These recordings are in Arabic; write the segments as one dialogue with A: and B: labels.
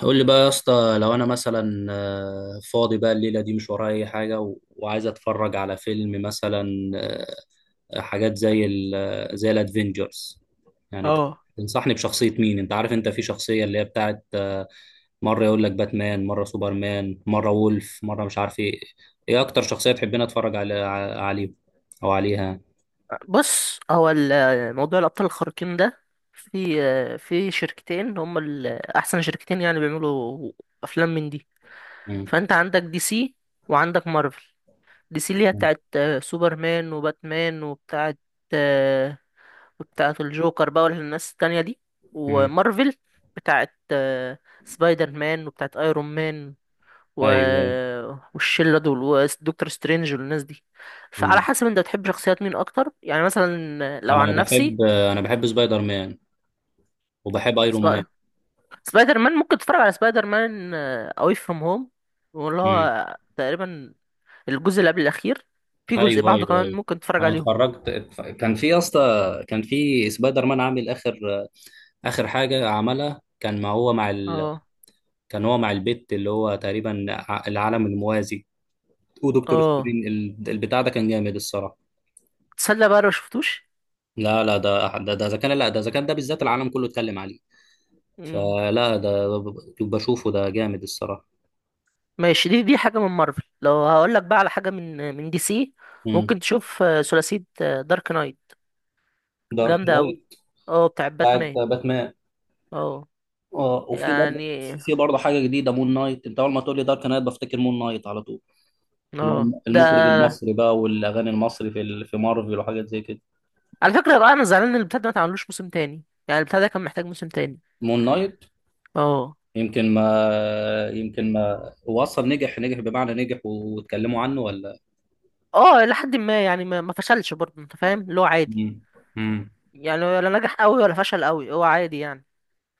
A: قول لي بقى يا اسطى، لو انا مثلا فاضي بقى الليله دي، مش ورايا اي حاجه وعايز اتفرج على فيلم مثلا. آه، حاجات زي ال زي الادفنجرز. يعني
B: اه،
A: تنصحني بشخصيه مين؟ انت عارف انت في شخصيه اللي هي بتاعت مره يقول لك باتمان، مره سوبرمان، مره وولف، مره مش عارف ايه. ايه اكتر شخصيه تحبين اتفرج على عليه او عليها؟
B: بص. هو موضوع الأبطال الخارقين ده. في شركتين، هم أحسن شركتين يعني بيعملوا أفلام من دي.
A: مم.
B: فأنت عندك دي سي، وعندك مارفل. دي سي اللي هي
A: مم.
B: بتاعت سوبرمان وباتمان، آه، وبتاعت الجوكر بقى، والناس التانية دي.
A: مم.
B: ومارفل بتاعت سبايدر مان وبتاعت ايرون مان و...
A: ايوه.
B: والشله دول، ودكتور سترينج، والناس دي. فعلى
A: مم.
B: حسب انت بتحب شخصيات مين اكتر، يعني مثلا لو
A: انا
B: عن نفسي،
A: بحب انا بحب سبايدر مان، وبحب ايرون
B: سبا... سبايدر مان ممكن تتفرج على سبايدر مان اواي فروم هوم، واللي
A: مان.
B: هو تقريبا الجزء اللي قبل الاخير، في جزء
A: ايوه
B: بعده
A: ايوه
B: كمان
A: ايوه.
B: ممكن تتفرج
A: انا
B: عليهم.
A: اتفرجت كان في يا اسطى، كان في سبايدر مان عامل اخر، اخر حاجه عملها، كان ما هو مع ال...
B: اه
A: كان هو مع البت، اللي هو تقريبا العالم الموازي. ودكتور
B: اه،
A: سترين البتاع ده كان جامد الصراحه.
B: تصدق بقى لو شفتوش؟
A: لا لا، ده اذا كان، لا ده اذا كان، ده بالذات العالم كله اتكلم عليه.
B: مم.
A: فلا ده بشوفه ده جامد الصراحه.
B: ماشي. دي حاجه من مارفل. لو هقول لك بقى على حاجه من دي سي،
A: امم.
B: ممكن تشوف ثلاثيه دارك نايت،
A: دارك
B: جامده قوي.
A: نايت.
B: اه، بتاع
A: بتاعت
B: باتمان.
A: باتمان.
B: اه،
A: اه، وفي برضه
B: يعني
A: في برضه حاجه جديده مون نايت. انت اول ما تقول لي دارك نايت بفتكر مون نايت على طول. اللي
B: اه
A: هو
B: ده
A: المخرج المصري بقى، والاغاني المصري في مارفل وحاجات زي كده.
B: على فكرة بقى، انا زعلان ان البتاع ده ما اتعملوش موسم تاني. يعني البتاع ده كان محتاج موسم تاني.
A: مون نايت.
B: اه
A: يمكن ما هو اصلا نجح، نجح بمعنى نجح واتكلموا عنه ولا؟
B: اه، الى حد ما. يعني ما فشلش برضه، انت فاهم؟ اللي هو عادي.
A: مم. مم.
B: يعني ولا نجح قوي ولا فشل قوي، هو عادي يعني.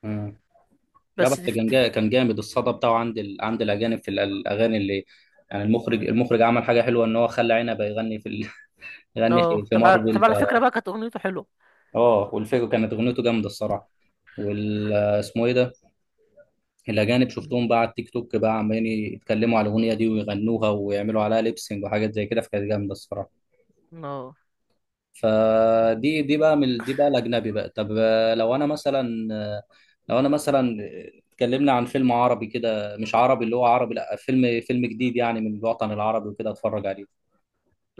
A: مم. لا
B: بس
A: بس
B: تف
A: كان جا...
B: تف.
A: كان جامد الصدى بتاعه عند ال... عند الاجانب في الاغاني اللي يعني. المخرج عمل حاجه حلوه ان هو خلى عنبه يغني في ال... يغني
B: اه،
A: في مارفل
B: طب
A: ف...
B: على فكرة بقى كانت اغنيته حلوة.
A: اه، والفيجو كانت اغنيته جامده الصراحه. وال اسمه ايه ده، الأجانب شفتهم بقى على التيك توك بقى، عمالين يتكلموا على الأغنية دي ويغنوها ويعملوا عليها ليبسينج وحاجات زي كده، فكانت جامدة الصراحة.
B: اه
A: فدي بقى من دي بقى الأجنبي بقى. طب لو أنا مثلا اتكلمنا عن فيلم عربي كده، مش عربي اللي هو عربي، لا فيلم، فيلم جديد يعني من الوطن العربي وكده، اتفرج عليه.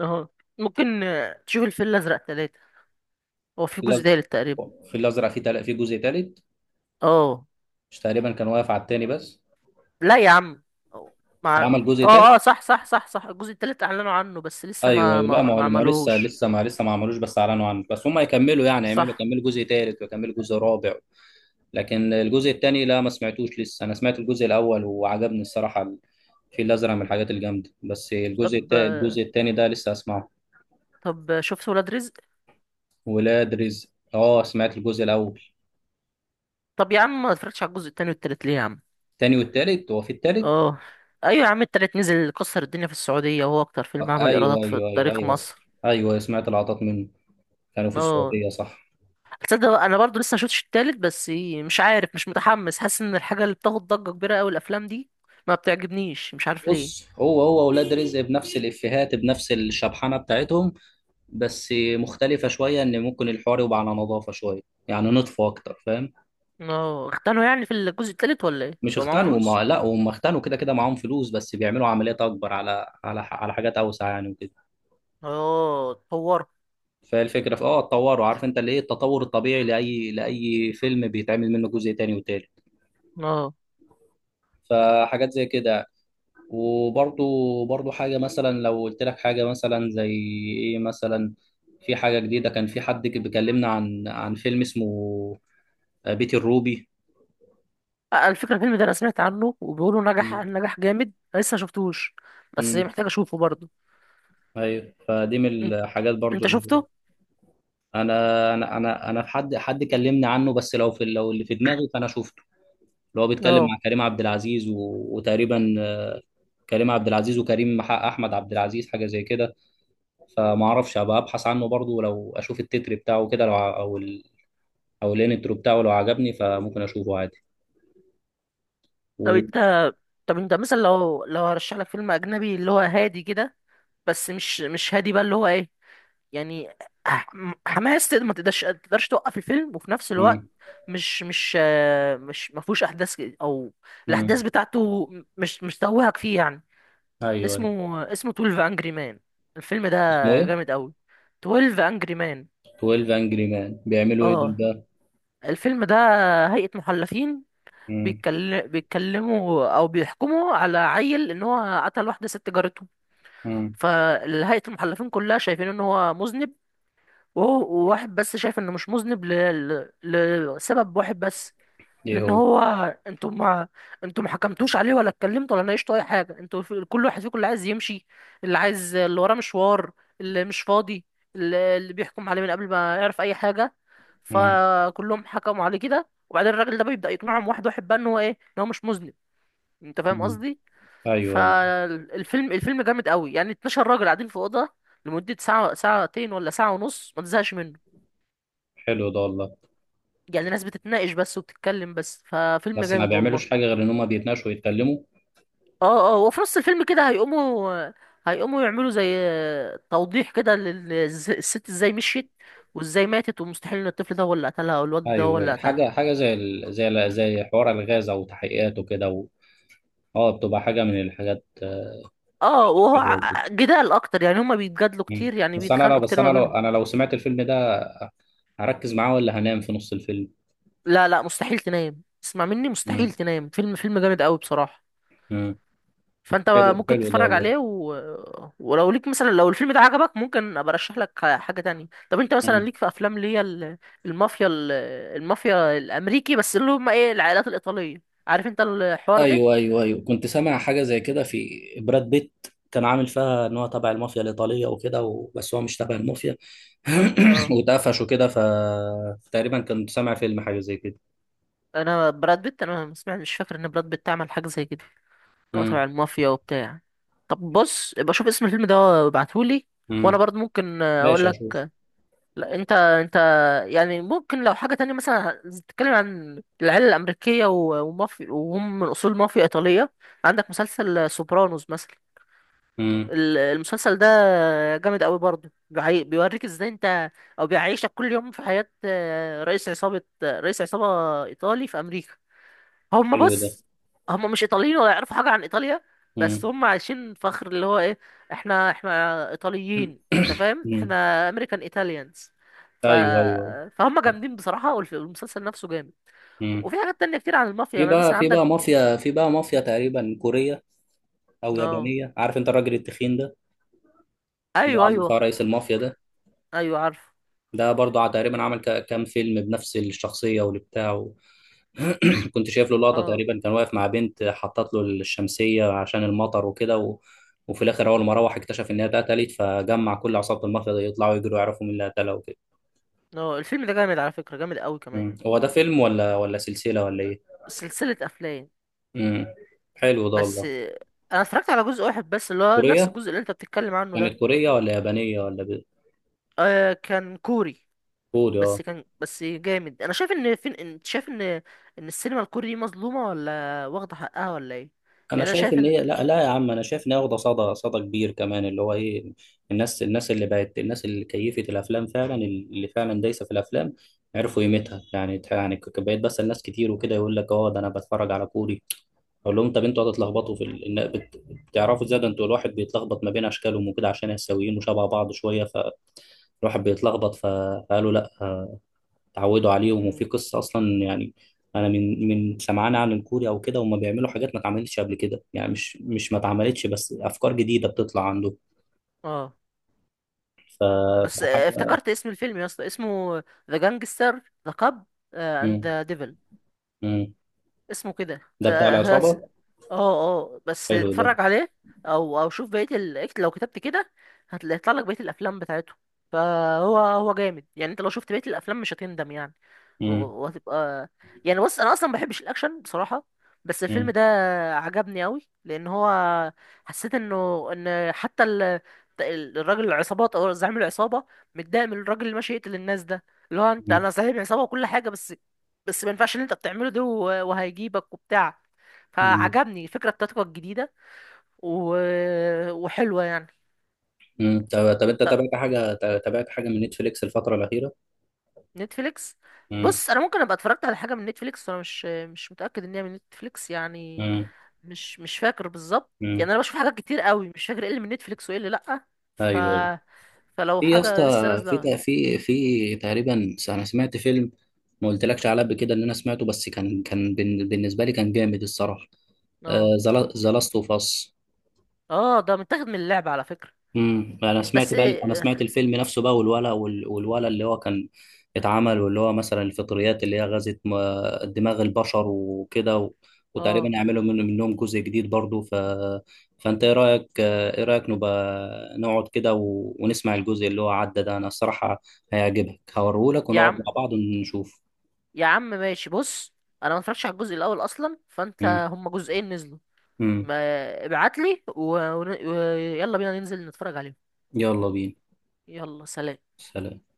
B: اه، ممكن تشوف الفيل الازرق 3. هو في
A: في
B: جزء
A: الأز-
B: تالت تقريبا.
A: في الأزرق في جزء تالت؟
B: اه،
A: مش تقريبا كان واقف على التاني بس؟
B: لا يا عم. أو- مع
A: اتعمل جزء تالت؟
B: اه اه صح صح صح صح. الجزء التالت اعلنوا عنه، بس لسه
A: ايوه
B: ما
A: ايوه، لا ما
B: ما,
A: هو
B: ما
A: ما هو لسه
B: عملوهوش.
A: لسه ما لسه ما عملوش، بس اعلنوا عنه، بس هم يكملوا يعني، يعملوا
B: صح.
A: يكملوا جزء ثالث ويكملوا جزء رابع. لكن الجزء الثاني لا ما سمعتوش لسه، انا سمعت الجزء الاول وعجبني الصراحه. الفيل الازرق من الحاجات الجامده، بس الجزء
B: طب
A: التا... الجزء الثاني ده لسه اسمعه.
B: طب شفت ولاد رزق؟
A: ولاد رزق، اه سمعت الجزء الاول.
B: طب يا عم، ما اتفرجتش على الجزء التاني والتالت ليه يا عم؟
A: الثاني والثالث، هو في الثالث؟
B: اه، ايوه يا عم. التالت نزل كسر الدنيا في السعوديه، وهو اكتر فيلم عمل
A: ايوه
B: ايرادات في
A: ايوه ايوه
B: تاريخ
A: ايوه،
B: مصر.
A: ايوه سمعت لقطات منه، كانوا في
B: اه،
A: السعوديه صح.
B: تصدق بقى، انا برضو لسه مشفتش التالت بس. مش عارف، مش متحمس. حاسس ان الحاجه اللي بتاخد ضجه كبيره قوي الافلام دي ما بتعجبنيش، مش عارف
A: بص،
B: ليه.
A: هو ولاد رزق بنفس الافيهات، بنفس الشبحانه بتاعتهم، بس مختلفة شوية إن ممكن الحوار يبقى على نظافة شوية. يعني نطفوا أكتر فاهم.
B: اه، اختنوا يعني في الجزء التالت ولا ايه
A: مش
B: بقى معاهم
A: اختنوا،
B: فلوس؟
A: ما لا، هم اختنوا كده كده، معاهم فلوس، بس بيعملوا عمليات أكبر، على على حاجات أوسع يعني، وكده.
B: اه، اتطور.
A: فالفكرة في آه، اتطوروا. عارف أنت اللي إيه، التطور الطبيعي لأي فيلم بيتعمل منه جزء تاني وتالت،
B: اه،
A: فحاجات زي كده. وبرضو برضو حاجة، مثلا لو قلت لك حاجة مثلا زي إيه مثلا، في حاجة جديدة، كان في حد بيكلمنا عن فيلم اسمه بيت الروبي.
B: الفكرة الفيلم ده انا سمعت عنه وبيقولوا نجح نجح جامد، أنا لسه شفتوش بس محتاج اشوفه برضه.
A: ايوه، فدي من
B: إن-
A: الحاجات برضو
B: انت
A: اللي،
B: شفته؟
A: انا في حد كلمني عنه، بس لو في، لو اللي في دماغي فانا شفته، اللي هو بيتكلم
B: اه.
A: مع كريم عبد العزيز و... وتقريبا كريم عبد العزيز، وكريم مع احمد عبد العزيز، حاجه زي كده. فما اعرفش، هبقى ابحث عنه برضو، ولو اشوف التتر بتاعه كده، لو او ال... او الانترو بتاعه، لو عجبني فممكن اشوفه عادي.
B: طب
A: و...
B: انت، مثلا لو هرشح لك فيلم اجنبي اللي هو هادي كده، بس مش هادي بقى، اللي هو ايه يعني، ح- حماس. ما تقدرش توقف الفيلم، وفي نفس الوقت
A: مم.
B: مش ما فيهوش احداث او
A: مم.
B: الاحداث بتاعته مش توهك فيه يعني.
A: ايوه أيوة.
B: اسمه 12 Angry Men. الفيلم ده
A: اسمه ايه؟
B: جامد قوي. 12 Angry Men.
A: 12 انجري مان بيعملوا ايه دول
B: اه.
A: ده؟
B: الفيلم ده هيئة محلفين،
A: مم.
B: بيتكلموا او بيحكموا على عيل ان هو قتل واحدة ست جارته.
A: مم.
B: فهيئة المحلفين كلها شايفين ان هو مذنب، وواحد بس شايف انه مش مذنب لسبب واحد بس.
A: ايه
B: لان
A: هو؟
B: هو انتوا ما انتوا ما حكمتوش عليه، ولا اتكلمتوا، ولا ناقشتوا اي حاجه. كل واحد فيكم اللي عايز يمشي، اللي وراه مشوار، اللي مش فاضي، اللي بيحكم عليه من قبل ما يعرف اي حاجه.
A: مم.
B: فكلهم حكموا عليه كده. وبعدين الراجل ده بيبدا يقنعهم واحد واحد بقى، ان هو ايه، ان هو مش مذنب. انت فاهم
A: مم.
B: قصدي؟
A: ايوه ايوه.
B: فالفيلم جامد قوي، يعني 12 راجل قاعدين في اوضه لمده ساعه، ساعتين ولا ساعه ونص، ما تزهقش منه.
A: حلو ده والله.
B: يعني ناس بتتناقش بس وبتتكلم بس، ففيلم
A: بس ما
B: جامد
A: بيعملوش
B: والله.
A: حاجه غير ان هم بيتناقشوا ويتكلموا؟
B: اه اه. وفي نص الفيلم كده هيقوموا، يعملوا زي توضيح كده للست ازاي مشيت، وازاي ماتت، ومستحيل ان الطفل ده هو اللي قتلها، او الواد ده هو اللي
A: ايوه،
B: قتلها.
A: حاجه، حاجه زي ال... زي ال... زي حوار الغاز او تحقيقات وكده و... اه، بتبقى حاجه من الحاجات.
B: اه،
A: حلوه وكده.
B: جدال اكتر، يعني هما بيتجادلوا
A: مم.
B: كتير، يعني
A: بس انا لو،
B: بيتخانقوا
A: بس
B: كتير
A: انا
B: ما
A: لو،
B: بينهم.
A: انا لو سمعت الفيلم ده، هركز معاه ولا هنام في نص الفيلم؟
B: لا لا، مستحيل تنام. اسمع مني، مستحيل
A: مم.
B: تنام. فيلم جامد قوي بصراحة.
A: مم.
B: فانت
A: حلو،
B: ممكن
A: حلو ده
B: تتفرج
A: والله.
B: عليه. ولو ليك مثلا، لو الفيلم ده عجبك، ممكن ابقى ارشح لك حاجه تانية. طب انت مثلا،
A: مم.
B: ليك في افلام اللي هي المافيا، المافيا الامريكي، بس اللي هم ايه، العائلات الايطاليه؟ عارف انت الحوار ده؟
A: ايوه ايوه ايوه، كنت سامع حاجه زي كده في براد بيت. كان عامل فيها ان هو تبع المافيا الايطاليه وكده و... بس هو مش تبع المافيا،
B: اه،
A: واتقفش وكده. فتقريبا كنت سامع فيلم حاجه زي كده.
B: انا براد بيت انا ما سمعت، مش فاكر ان براد بيت عمل حاجه زي كده، اللي هو
A: مم.
B: تبع المافيا وبتاع. طب بص، ابقى شوف اسم الفيلم ده وابعتهولي، وانا
A: مم.
B: برضه ممكن اقول
A: ماشي،
B: لك.
A: اشوف.
B: لا، انت يعني، ممكن لو حاجة تانية مثلا، تتكلم عن العيلة الأمريكية ومافيا، وهم من أصول مافيا إيطالية. عندك مسلسل سوبرانوس مثلا.
A: امم.
B: المسلسل ده جامد قوي برضه. بيوريك ازاي انت، او بيعيشك كل يوم في حياة رئيس عصابة إيطالي في أمريكا.
A: حلو ده.
B: بص، هم مش ايطاليين ولا يعرفوا حاجه عن ايطاليا، بس
A: امم.
B: هم عايشين فخر اللي هو ايه، احنا ايطاليين. انت فاهم،
A: امم.
B: احنا امريكان ايطاليانز. ف...
A: ايوه ايوه أيوة.
B: فهم جامدين بصراحه، والمسلسل نفسه جامد.
A: امم.
B: وفي حاجات تانية كتير عن المافيا،
A: في
B: يعني
A: بقى،
B: مثلا
A: في
B: عندك.
A: بقى مافيا، تقريبا كوريه او
B: اه،
A: يابانيه، عارف انت الراجل التخين ده، اللي هو
B: ايوه
A: عامل
B: ايوه
A: فيها رئيس المافيا ده.
B: ايوه، عارف.
A: ده برضه تقريبا عمل كام فيلم بنفس الشخصيه والبتاع و... كنت شايف له لقطه،
B: اه
A: تقريبا كان واقف مع بنت حطت له الشمسيه عشان المطر وكده و... وفي الاخر اول ما روح اكتشف ان هي اتقتلت، فجمع كل عصابه المافيا دي يطلعوا يجروا يعرفوا مين اللي قتلها وكده.
B: اه، الفيلم ده جامد على فكره، جامد قوي كمان.
A: مم. هو ده فيلم ولا سلسله ولا ايه؟
B: سلسله افلام.
A: امم. حلو ده
B: بس
A: والله.
B: انا اتفرجت على جزء واحد بس، اللي هو نفس
A: كورية،
B: الجزء اللي انت بتتكلم عنه ده.
A: كانت كورية ولا يابانية ولا
B: آه، كان كوري.
A: كوري اه.
B: بس كان بس جامد. انا شايف ان، فين انت شايف ان السينما الكوري دي مظلومه، ولا واخده حقها، ولا ايه؟
A: انا
B: يعني انا
A: شايف
B: شايف
A: ان
B: ان.
A: هي، لا لا يا عم، انا شايف ان هي واخده صدى، صدى كبير كمان، اللي هو ايه، الناس اللي بقت، الناس اللي كيفت الافلام فعلا، اللي فعلا دايسه في الافلام، عرفوا قيمتها. يعني يعني بقيت بسال ناس كتير وكده، يقول لك اه ده انا بتفرج على كوري. اقول لهم طب انتوا هتتلخبطوا في ال... بتعرفوا ازاي؟ ده انتوا الواحد بيتلخبط ما بين اشكالهم وكده، عشان هي سويين وشبه بعض شويه، فالواحد بيتلخبط. فقالوا لا، اتعودوا عليهم، وفي
B: مم.
A: قصة أصلا يعني. أنا من سمعان عن الكوري أو كده، هم بيعملوا حاجات ما اتعملتش قبل كده، يعني مش ما اتعملتش، بس أفكار جديدة بتطلع عندهم.
B: اه،
A: ف...
B: بس
A: فحاجة.
B: افتكرت اسم الفيلم يا اسطى، اسمه ذا جانجستر ذا كاب اند
A: مم.
B: ذا ديفل.
A: مم.
B: اسمه كده
A: ده بتاع
B: اه. اه،
A: العصابة.
B: بس
A: حلو ده.
B: اتفرج عليه، او شوف بقيه لو كتبت كده هتطلع لك بقيه الافلام بتاعته. فهو جامد يعني. انت لو شفت بقيه الافلام مش هتندم يعني.
A: مم.
B: وهتبقى يعني. بص، انا اصلا ما بحبش الاكشن بصراحه، بس الفيلم
A: مم.
B: ده عجبني قوي، لان هو حسيت ان حتى الراجل العصابات او زعيم العصابه متضايق من الراجل اللي ماشي يقتل الناس ده، اللي هو انت،
A: مم.
B: انا صاحب عصابه وكل حاجه، بس ما ينفعش اللي انت بتعمله ده، وهيجيبك وبتاع.
A: مم.
B: فعجبني الفكره بتاعتك الجديده و... وحلوه يعني.
A: مم. طب، أنت تابعت حاجة، تابعت حاجة من نتفليكس الفترة الأخيرة؟
B: نتفليكس؟
A: مم.
B: بص، انا ممكن ابقى اتفرجت على حاجه من نتفليكس وانا مش متاكد ان هي من نتفليكس يعني.
A: مم.
B: مش فاكر بالظبط.
A: مم.
B: يعني انا بشوف حاجات كتير قوي، مش فاكر ايه اللي من نتفليكس وايه اللي لا. ف
A: أيوه أيوه.
B: فلو
A: في يا اسطى،
B: حاجه لسه نازله.
A: في تقريبا، انا سمعت فيلم ما قلتلكش عليه قبل كده ان انا سمعته، بس كان، كان بالنسبه لي كان جامد الصراحه.
B: اه
A: ذا لاست اوف اس.
B: اه، ده متاخد من اللعبه على فكره
A: انا سمعت
B: بس.
A: بقى، انا سمعت الفيلم نفسه بقى، والولا والولا اللي هو كان اتعمل، واللي هو مثلا الفطريات اللي هي غزت دماغ البشر وكده و... وتقريبا
B: اه،
A: يعملوا من... منهم جزء جديد برضو. ف... فانت ايه رايك، نبقى نقعد كده و... ونسمع الجزء اللي هو عدى ده، انا الصراحه هيعجبك هوريهولك،
B: يا
A: ونقعد مع
B: عم
A: بعض ونشوف.
B: يا عم ماشي. بص، انا ما اتفرجتش على الجزء الاول اصلا، فانت هما جزئين نزلوا،
A: امم.
B: ما ابعت لي ويلا بينا ننزل نتفرج عليهم.
A: يلا بينا.
B: يلا، سلام.
A: سلام.